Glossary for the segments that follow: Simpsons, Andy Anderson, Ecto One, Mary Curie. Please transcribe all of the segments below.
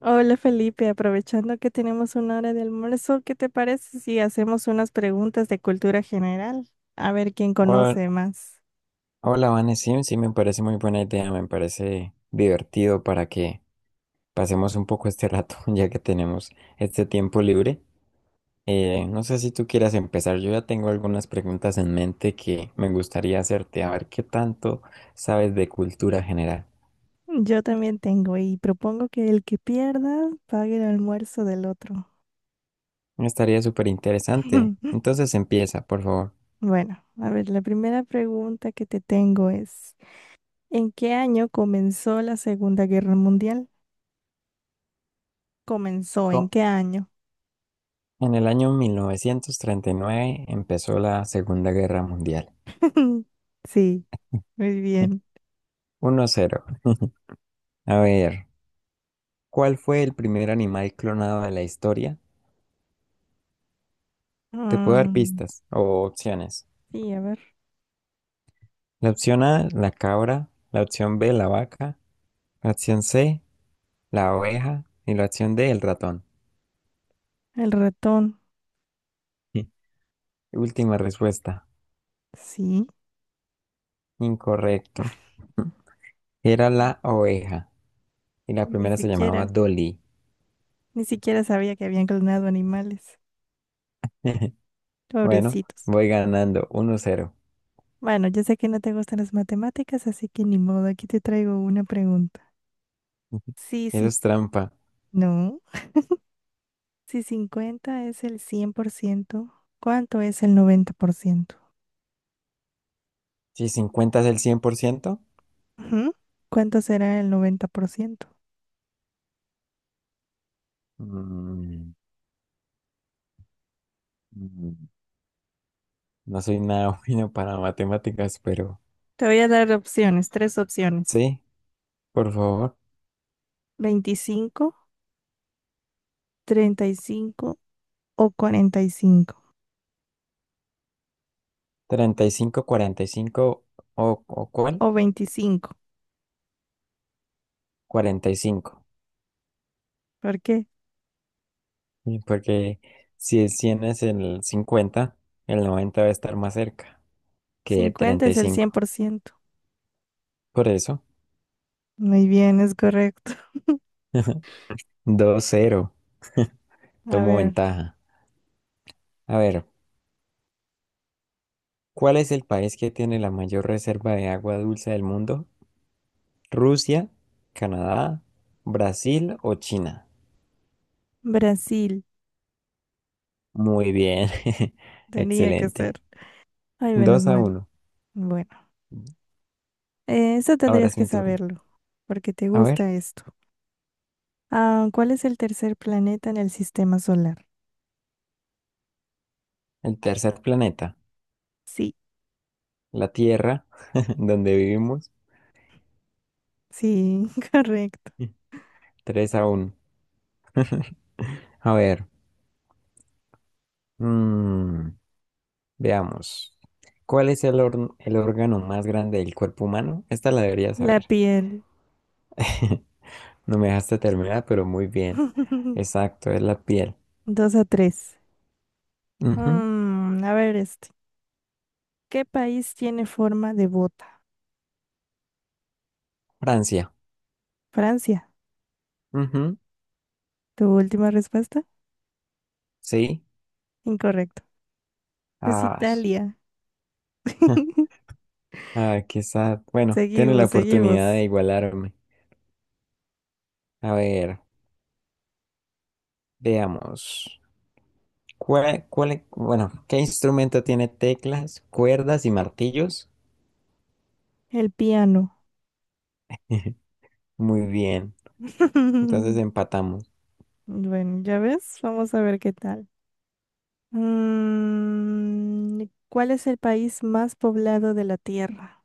Hola Felipe, aprovechando que tenemos 1 hora de almuerzo, ¿qué te parece si hacemos unas preguntas de cultura general? A ver quién Hola, conoce más. hola, Vane, sí, sí, me parece muy buena idea, me parece divertido para que pasemos un poco este rato, ya que tenemos este tiempo libre. No sé si tú quieras empezar, yo ya tengo algunas preguntas en mente que me gustaría hacerte, a ver qué tanto sabes de cultura general. Yo también tengo y propongo que el que pierda pague el almuerzo del otro. Estaría súper interesante. Entonces empieza, por favor. Bueno, a ver, la primera pregunta que te tengo es, ¿en qué año comenzó la Segunda Guerra Mundial? ¿Comenzó en Co- qué año? En el año 1939 empezó la Segunda Guerra Mundial. Sí, muy bien. 1-0. A ver. ¿Cuál fue el primer animal clonado de la historia? Te puedo dar Mm, pistas o opciones. sí, a ver, La opción A, la cabra. La opción B, la vaca. La opción C, la oveja. Y la opción D, el ratón. el ratón, Sí. Última respuesta. sí. Incorrecto. Era la oveja. Y la Ni primera se llamaba siquiera, Dolly. ni siquiera sabía que habían clonado animales. Bueno, Pobrecitos. voy ganando 1-0. Bueno, yo sé que no te gustan las matemáticas, así que ni modo, aquí te traigo una pregunta. Sí, Eso sí, es trampa. no. Si 50 es el 100%, ¿cuánto es el 90%? Si 50 es el 100%, Ujú. ¿Cuánto será el 90%? mm, mm, no soy nada bueno para matemáticas, pero Te voy a dar opciones, tres opciones. sí. Por favor. 25, 35 o 45, 35, 45 o ¿cuál? o 25. 45, ¿Por qué? y porque si es 100 es el 50, el 90 va a estar más cerca que cincuenta treinta y es el cien cinco, por ciento Por eso. Muy bien, es correcto. 2-0. A Tomo ver, ventaja. A ver, ¿cuál es el país que tiene la mayor reserva de agua dulce del mundo? ¿Rusia, Canadá, Brasil o China? Brasil Muy bien. tenía que Excelente. ser. Ay, menos 2 a mal. uno. Bueno, eso Ahora tendrías es que mi turno. saberlo, porque te A ver. gusta esto. Ah, ¿cuál es el tercer planeta en el sistema solar? El tercer planeta, Sí, la Tierra, donde vivimos. sí, correcto. 3-1. A ver, mm, veamos. ¿Cuál es el órgano más grande del cuerpo humano? Esta la deberías La saber. piel. No me dejaste terminar, pero muy bien. Exacto, es la piel. 2-3. Ujú. Mm, a ver este. ¿Qué país tiene forma de bota? Francia. Francia. Ujú. ¿Tu última respuesta? Sí. Incorrecto. Es Ah, Italia. ah, qué sad. Bueno, tiene la Seguimos, oportunidad seguimos. de igualarme. A ver, veamos. Bueno, ¿qué instrumento tiene teclas, cuerdas y martillos? El piano. Muy bien. Entonces empatamos. Bueno, ya ves, vamos a ver qué tal. Mm, ¿cuál es el país más poblado de la Tierra?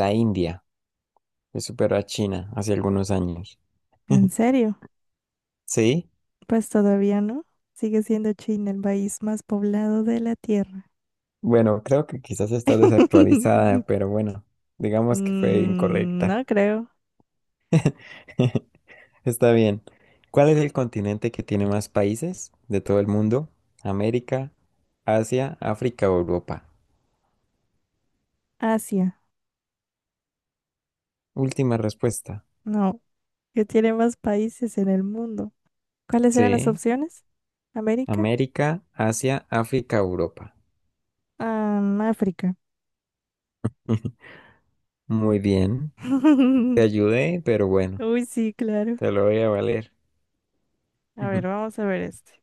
La India, que superó a China hace algunos años. ¿En serio? ¿Sí? Pues todavía no. Sigue siendo China el país más poblado de la Tierra. Bueno, creo que quizás está desactualizada, pero bueno, digamos que fue Mm, incorrecta. no creo. Está bien. ¿Cuál es el continente que tiene más países de todo el mundo? ¿América, Asia, África o Europa? Asia, Última respuesta. no. Que tiene más países en el mundo. ¿Cuáles eran las Sí, opciones? ¿América? América, Asia, África, Europa. Ah, África. Ujú. Muy bien. Te ayudé, pero bueno, Uy, sí, claro. te lo voy a valer. A ver, Ujú. vamos a ver este.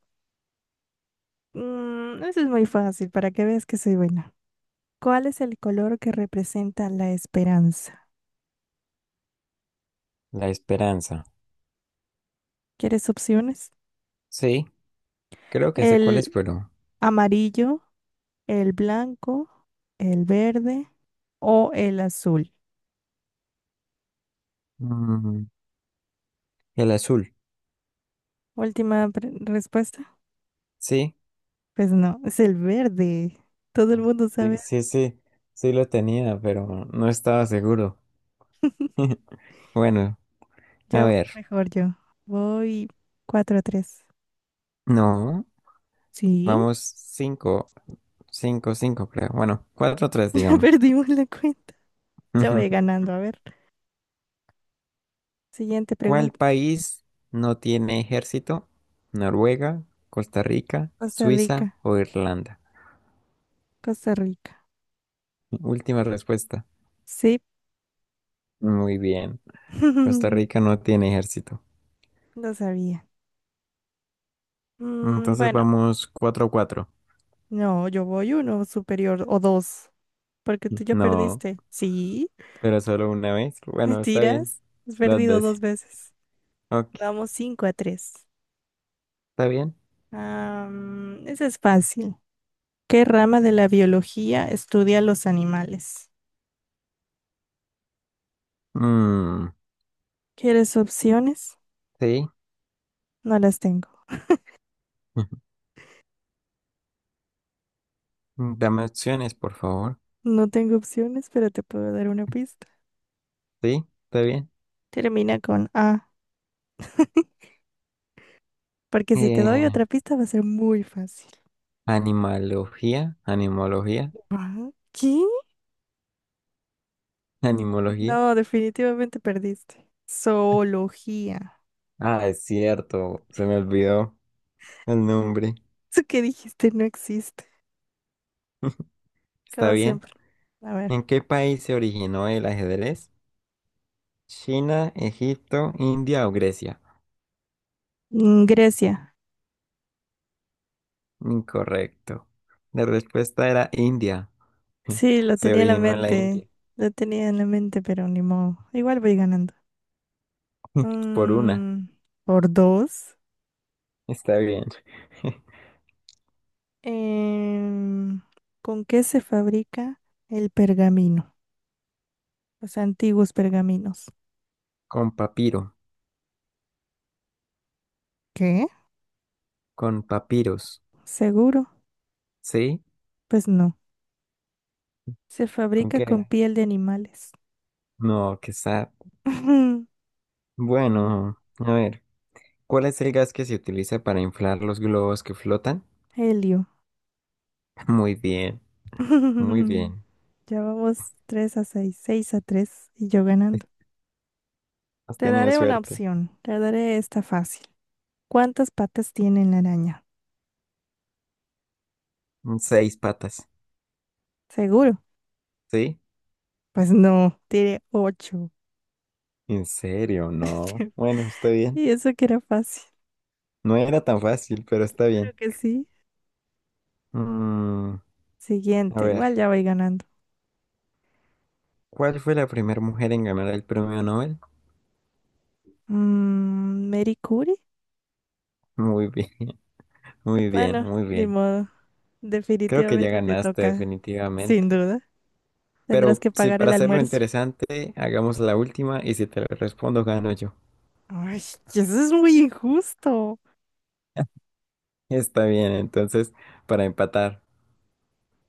Eso es muy fácil para que veas que soy buena. ¿Cuál es el color que representa la esperanza? La esperanza. ¿Quieres opciones? Sí, creo que sé cuál es, ¿El pero amarillo, el blanco, el verde o el azul? mm, el azul. Última pre- respuesta. Sí, Pues no, es el verde. Todo el mundo sí, sabe. sí, sí, sí lo tenía, pero no estaba seguro. Bueno, Ya a voy ver. mejor yo. Voy cuatro a 3. No, Sí, vamos cinco, cinco, cinco, creo. Bueno, cuatro, tres, digamos. perdimos la cuenta. Ya Ujú. voy ganando. A ver, siguiente ¿Cuál pregunta. país no tiene ejército? ¿Noruega, Costa Rica, Costa Suiza Rica, o Irlanda? Costa Rica. Última respuesta. Sí, Muy bien. Costa Rica no tiene ejército. no sabía. Mm, Entonces bueno, vamos 4 a 4. no, yo voy uno superior o dos, porque tú ya No, perdiste. Sí, pero solo una vez. Bueno, está bien. mentiras. Has Dos perdido veces. dos veces. Ok, Vamos 5-3. está bien. Ah, es fácil. ¿Qué rama de la biología estudia los animales? Mm, ¿Quieres opciones? sí. No las tengo. Dame opciones, por favor. No tengo opciones, pero te puedo dar una pista. Sí, está bien. Termina con A, porque si te doy Eh, otra pista va a ser muy fácil. animalogía, animología, Ah, ¿qué? animología. No, definitivamente perdiste. Zoología. Ah, es cierto, se me olvidó el nombre. Eso que dijiste no existe, Está como bien. siempre. A ver. ¿En qué país se originó el ajedrez? ¿China, Egipto, India o Grecia? Grecia. Incorrecto. La respuesta era India. Sí, lo Se tenía en la originó en la mente. India. Lo tenía en la mente, pero ni modo. Igual voy ganando. Por una. Mm, por dos. Está bien. Em, ¿con qué se fabrica el pergamino? Los antiguos pergaminos. Con papiro. ¿Qué? Con papiros. ¿Seguro? ¿Sí? Pues no. Se ¿Con fabrica qué con era? piel de animales. No, qué sad. Bueno, a ver. ¿Cuál es el gas que se utiliza para inflar los globos que flotan? Helio. Muy bien. Muy bien. Ya vamos 3-6, 6-3 y yo ganando. Has Te tenido daré una suerte. opción, te daré esta fácil. ¿Cuántas patas tiene la araña? Seis patas. ¿Seguro? ¿Sí? Pues no, tiene 8. ¿En serio? No. Bueno, está bien. Y eso que era fácil. No era tan fácil, pero está Creo bien. que sí. Mm, a Siguiente, ver. igual ya voy ganando. ¿Cuál fue la primera mujer en ganar el premio Nobel? Mary Curie. Muy bien, muy bien, Bueno, muy ni bien. modo. Creo que ya Definitivamente te ganaste toca, definitivamente. sin duda. Tendrás Pero que si pagar para el hacerlo almuerzo. interesante, hagamos la última y si te la respondo, gano yo. Ay, eso es muy injusto. Está bien, entonces, para empatar.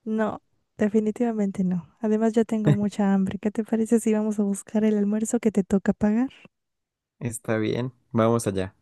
No, definitivamente no. Además, ya tengo mucha hambre. ¿Qué te parece si vamos a buscar el almuerzo que te toca pagar? Está bien, vamos allá.